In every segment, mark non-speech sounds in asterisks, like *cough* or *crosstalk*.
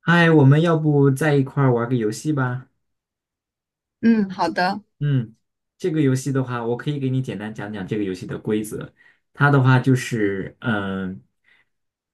嗨，我们要不在一块儿玩个游戏吧？嗯，好的。嗯，这个游戏的话，我可以给你简单讲讲这个游戏的规则。它的话就是，嗯、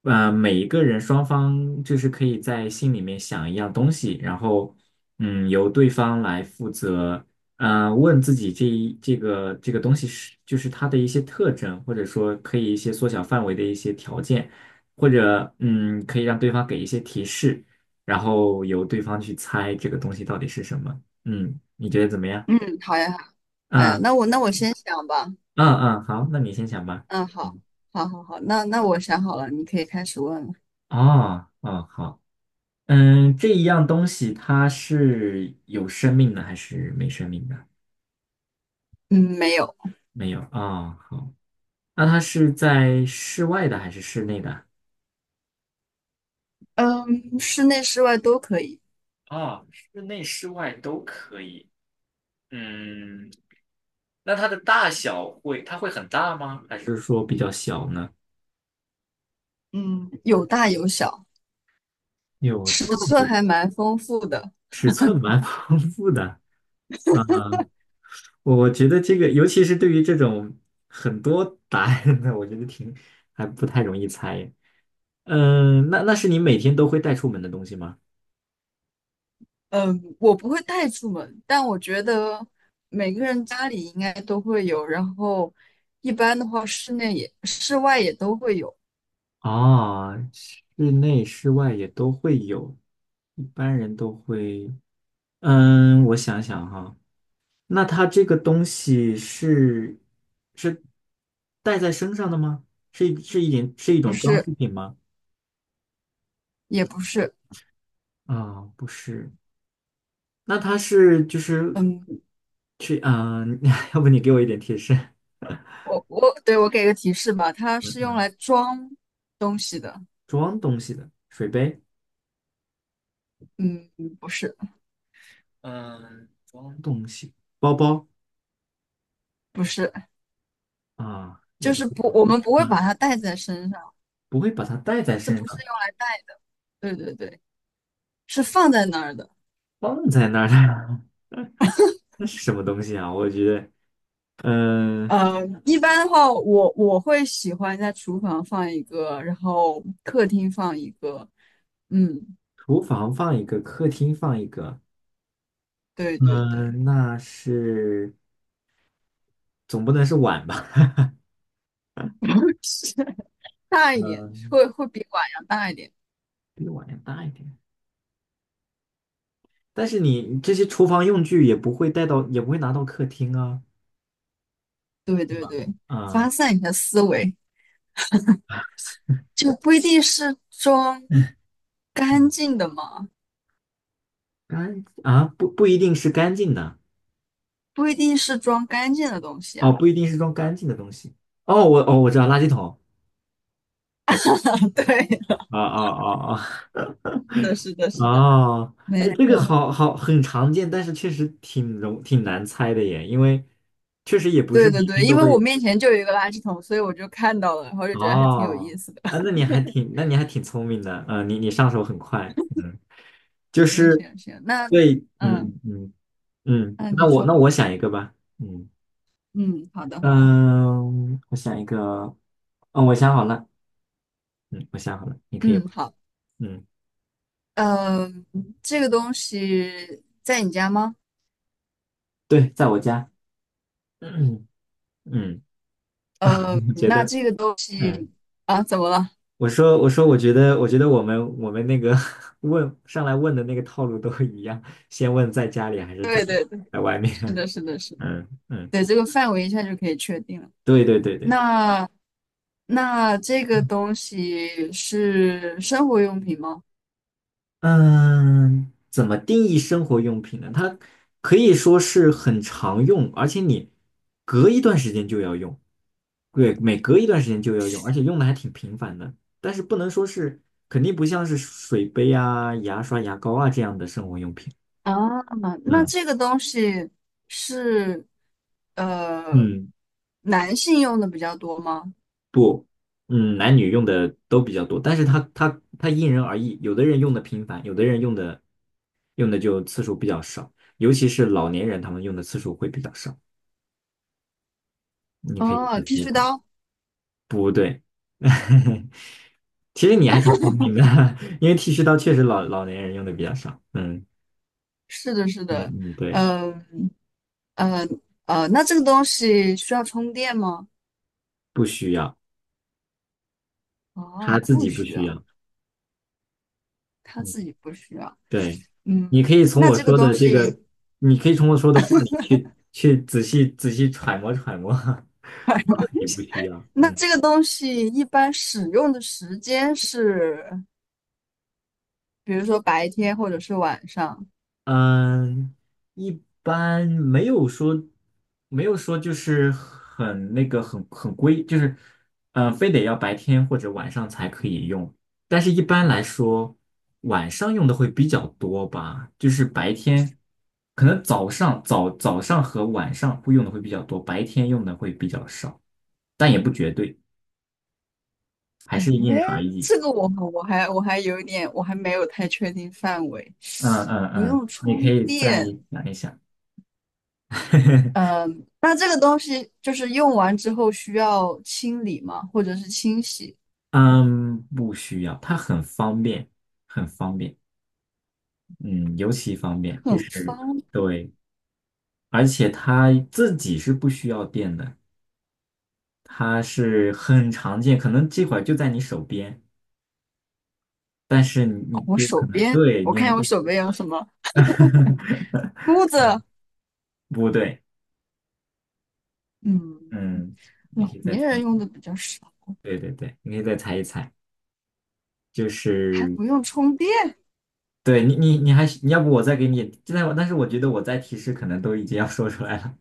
呃，每一个人双方就是可以在心里面想一样东西，然后，嗯，由对方来负责，问自己这个东西是就是它的一些特征，或者说可以一些缩小范围的一些条件，或者嗯，可以让对方给一些提示，然后由对方去猜这个东西到底是什么。嗯，你觉得怎么样？嗯，好呀，好呀，嗯那我先想吧。嗯，好，那你先想吧。嗯，好，嗯，好，好，好，那那我想好了，你可以开始问了。哦，好，嗯，这一样东西它是有生命的还是没生命的？嗯，没有。没有。哦，好，那它是在室外的还是室内的？嗯，室内室外都可以。哦，室内室外都可以。嗯，那它的大小会，它会很大吗？还是就是说比较小呢？嗯，有大有小，有大尺寸有还蛮丰富的。丰富的。啊。我觉得这个，尤其是对于这种很多答案的，我觉得挺还不太容易猜。嗯，那那是你每天都会带出门的东西吗？嗯，我不会带出门，但我觉得每个人家里应该都会有，然后一般的话室内也室外也都会有。哦，室内室外也都会有，一般人都会。嗯，我想想哈，那它这个东西是带在身上的吗？是一是一点是一不种装是饰品吗？也不是。啊，不是。那他是就是嗯，去啊？*laughs* 要不你给我一点提示？我给个提示吧，它嗯是用嗯来装东西的。装东西的水杯，嗯，不是嗯，装东西，包包不是，啊，也就不是会，不，我们不会把嗯，它带在身上，不会把它带在这身不是上，用来带。对对对，是放在那儿的。放在那儿的，*laughs* 那是什么东西啊？我觉得，嗯、呃，一般的话，我会喜欢在厨房放一个，然后客厅放一个。嗯，厨房放一个，客厅放一个，对对对。嗯、那是总不能是碗吧？*laughs* 是大一点，嗯、会比碗要大一点。比碗要大一点。但是你这些厨房用具也不会带到，也不会拿到客厅啊，对对对，发啊、散一下思维，就不一定是装干嗯，净的嘛。干啊，不一定是干净的不一定是装干净的东西哦，啊。不一定是装干净的东西。哦，我知道垃圾桶。*laughs* 对，啊啊啊啊 是的，是的，*laughs* 是的。哦，哎，没这个错，好很常见，但是确实挺难猜的耶，因为确实也不是对每对对，天因都为我会。面前就有一个垃圾桶，所以我就看到了，然后就觉得还挺有意哦，思的。啊，那 *laughs* 你还挺那你还挺聪明的，嗯、你你上手很快，嗯，就行是行行，那对，嗯嗯嗯嗯，那那你我说，那我想一个吧，嗯嗯，好的好的，嗯，我想一个，嗯，我想好了，嗯，我想好了，你可以问嗯好。嗯，呃，这个东西在你家吗？对，在我家，*clears throat* 嗯，呃，你觉那得，这个东嗯，西啊，怎么了？我觉得，我们那个 *laughs* 问上来问的那个套路都一样，先问在家里还是在对对对，在外是面，的是的是 *laughs* 的，嗯嗯，对，这个范围一下就可以确定了。对。那那这个东西是生活用品吗？嗯，怎么定义生活用品呢？它可以说是很常用，而且你隔一段时间就要用，对，每隔一段时间就要用，而且用的还挺频繁的。但是不能说是，肯定不像是水杯啊、牙刷、牙膏啊这样的生活用品。啊，那嗯这个东西是呃嗯，男性用的比较多吗？不，嗯，男女用的都比较多，但是它因人而异，有的人用的频繁，有的人用的用的就次数比较少，尤其是老年人，他们用的次数会比较少。你可以哦，自剃己须的，刀。不对，*laughs* 其实你还挺聪明的，*laughs* 因为剃须刀确实老年人用的比较少。嗯是的，是嗯的。嗯，对，嗯那这个东西需要充电吗？不需要，他哦，自不己不需需要，要。他嗯，自己不需要。对，你嗯，可以从那我这个说东的这西，个，你可以从我说的话里去仔细揣摩揣摩，*laughs* 他自 *laughs* 己不需要。那嗯。这个东西一般使用的时间是比如说白天或者是晚上。嗯，一般没有说，没有说就是很那个很很规，就是非得要白天或者晚上才可以用。但是一般来说，晚上用的会比较多吧，就是白天可能早上和晚上会用的会比较多，白天用的会比较少，但也不绝对，还是哎，因人而异。这个我还有一点，我还没有太确定范围。嗯嗯不嗯，用你可充以再电。想一想。*laughs* 嗯，那这个东西就是用完之后需要清理吗？或者是清洗？嗯，不需要，它很方便，很方便，嗯，尤其方便，就很是方便。对，而且它自己是不需要电的，它是很常见，可能这会儿就在你手边，但是你我就手可能边，对，你我看，看我手边有什么 *laughs* 梳子。不对，嗯，嗯，你老可以再年猜，人用的比较少，对对对，你可以再猜一猜，就还是不用充电。对你还是你要不我再给你，现在我但是我觉得我在提示可能都已经要说出来了，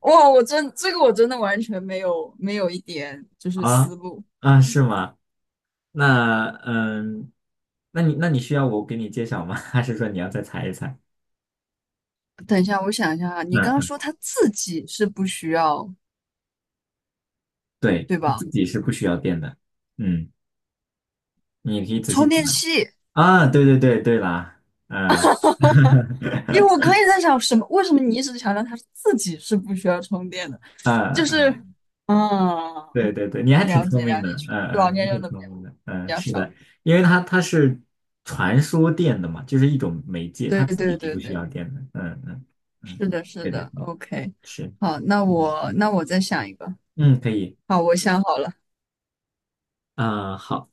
哇，我真的完全没有一点就是啊思路。啊，是吗？那嗯，那你需要我给你揭晓吗？*laughs* 还是说你要再猜一猜？等一下，我想一下啊，你刚刚嗯，说他自己是不需要，对，对吧？自己是不需要电的。嗯，你可以仔细充电讲器。啊。对对对对啦，嗯，*laughs* 因为我嗯可以在想什么，为什么你一直强调他自己是不需要充电的？就嗯，是。嗯嗯，对对对，你还挺了聪解明了的，解，确实嗯老嗯，你年用挺的聪明的，比嗯，较是少。的，因为它是传输电的嘛，就是一种媒介，对它自己对是对不需对，要电的。嗯嗯嗯，是的，是对对的对，，OK。是，好，那嗯我那我再想一个。嗯，可以。好，我想好了。啊，好，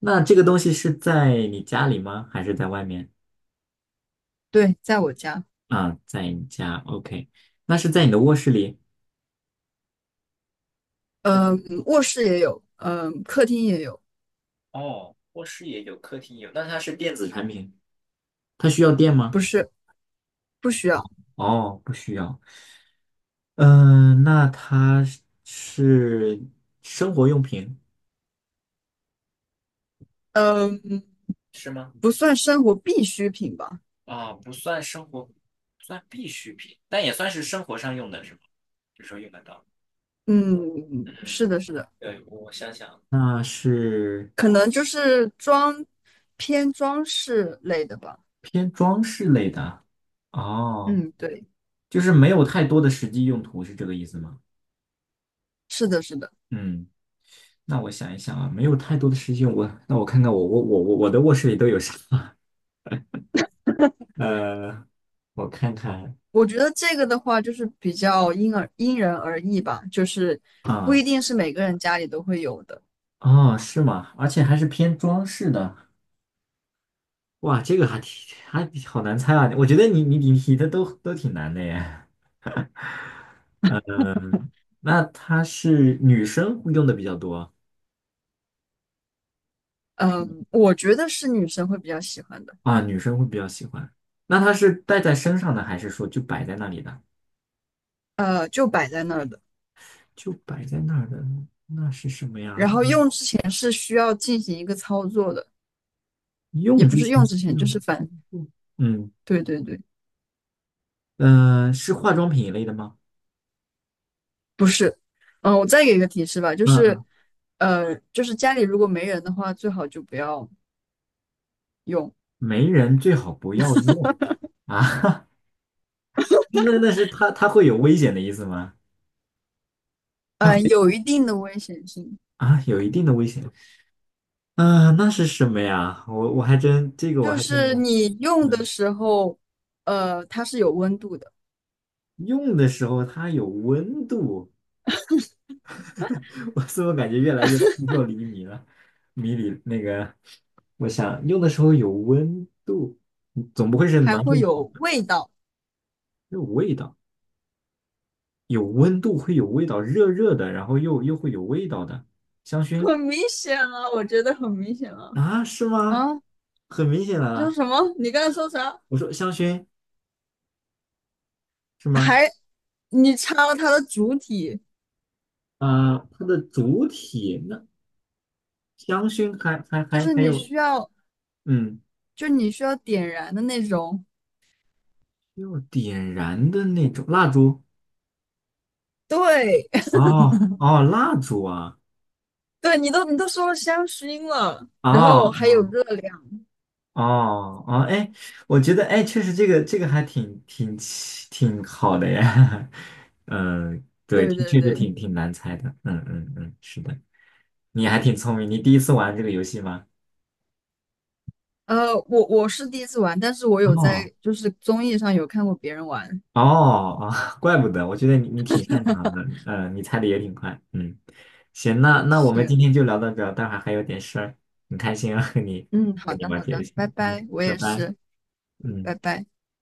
那这个东西是在你家里吗？还是在外面？对，在我家。啊，在你家，OK，那是在你的卧室里。是嗯，卧室也有，嗯，客厅也有。哦，卧室也有，客厅也有，那它是电子产品，它需要电吗？不是，不需要。哦，不需要。嗯、那它是生活用品。嗯，是吗？不算生活必需品吧。啊，不算生活，算必需品，但也算是生活上用的，是吗？有时候用得到。嗯，是嗯，的，是的。对，我想想，那是可能就是装偏装饰类的吧。偏装饰类的哦，嗯，对，就是没有太多的实际用途，是这个意思吗？是的，是的。嗯，那我想一想啊，没有太多的实际用，我那我看看我的卧室里都有啥？*laughs* 呃，我看看我觉得这个的话，就是比较因人而异吧，就是不一啊，定是每个人家里都会有的。哦，是吗？而且还是偏装饰的，哇，这个还挺还好难猜啊！我觉得你的都都挺难的耶。嗯，那它是女生会用的比较多嗯，我觉得是女生会比较喜欢的。啊，女生会比较喜欢。那它是戴在身上的，还是说就摆在那里的？呃，就摆在那儿的。就摆在那儿的，那是什么然呀？后用之前是需要进行一个操作的。也用不之是前用需之前，要，就是反，嗯对对对。嗯、是化妆品一类的吗？不是。嗯，我再给一个提示吧，就嗯是，嗯，呃，就是家里如果没人的话，最好就不要用。没人最好不要用啊。*laughs* 那那是它会有危险的意思吗？它呃，会有一定的危险性，啊，有一定的危险啊、那是什么呀？我还真这个我就还真没是你用的嗯，时候，呃，它是有温度的，用的时候它有温度，*laughs* 我怎么感觉越来越扑朔迷离了？迷离那个，我想用的时候有温度，总不会是还暖手会宝。有味道。有味道，有温度会有味道，热热的，然后又会有味道的香 *laughs* 薰很明显啊，我觉得很明显啊。啊？是吗？啊，很明显的，你说啊，什么？你刚才说啥？我说香薰是吗？你插了它的主体，啊、它的主体那香薰还还就还是还你有需要，嗯，你需要点燃的那种。要点燃的那种蜡烛对。哦，蜡烛啊 *laughs* 对，你都说了香薰了，然后还哦有热量。哦，哎，我觉得哎，确实这个还挺好的呀，*laughs* 嗯，对，对挺对确实对。挺挺难猜的，嗯嗯嗯，是的，你还挺聪明，你第一次玩这个游戏吗？呃，我是第一次玩，但是我有哦在就是综艺上有看过别人玩。哦哦，*laughs* 怪不得，我觉得你你挺擅长的，呃，你猜的也挺快，嗯，行，那我们今行。天就聊到这儿，待会儿还有点事儿，很开心啊，嗯，好跟你的玩好这个游的，戏，拜嗯，拜，我拜也拜，是，拜嗯。拜。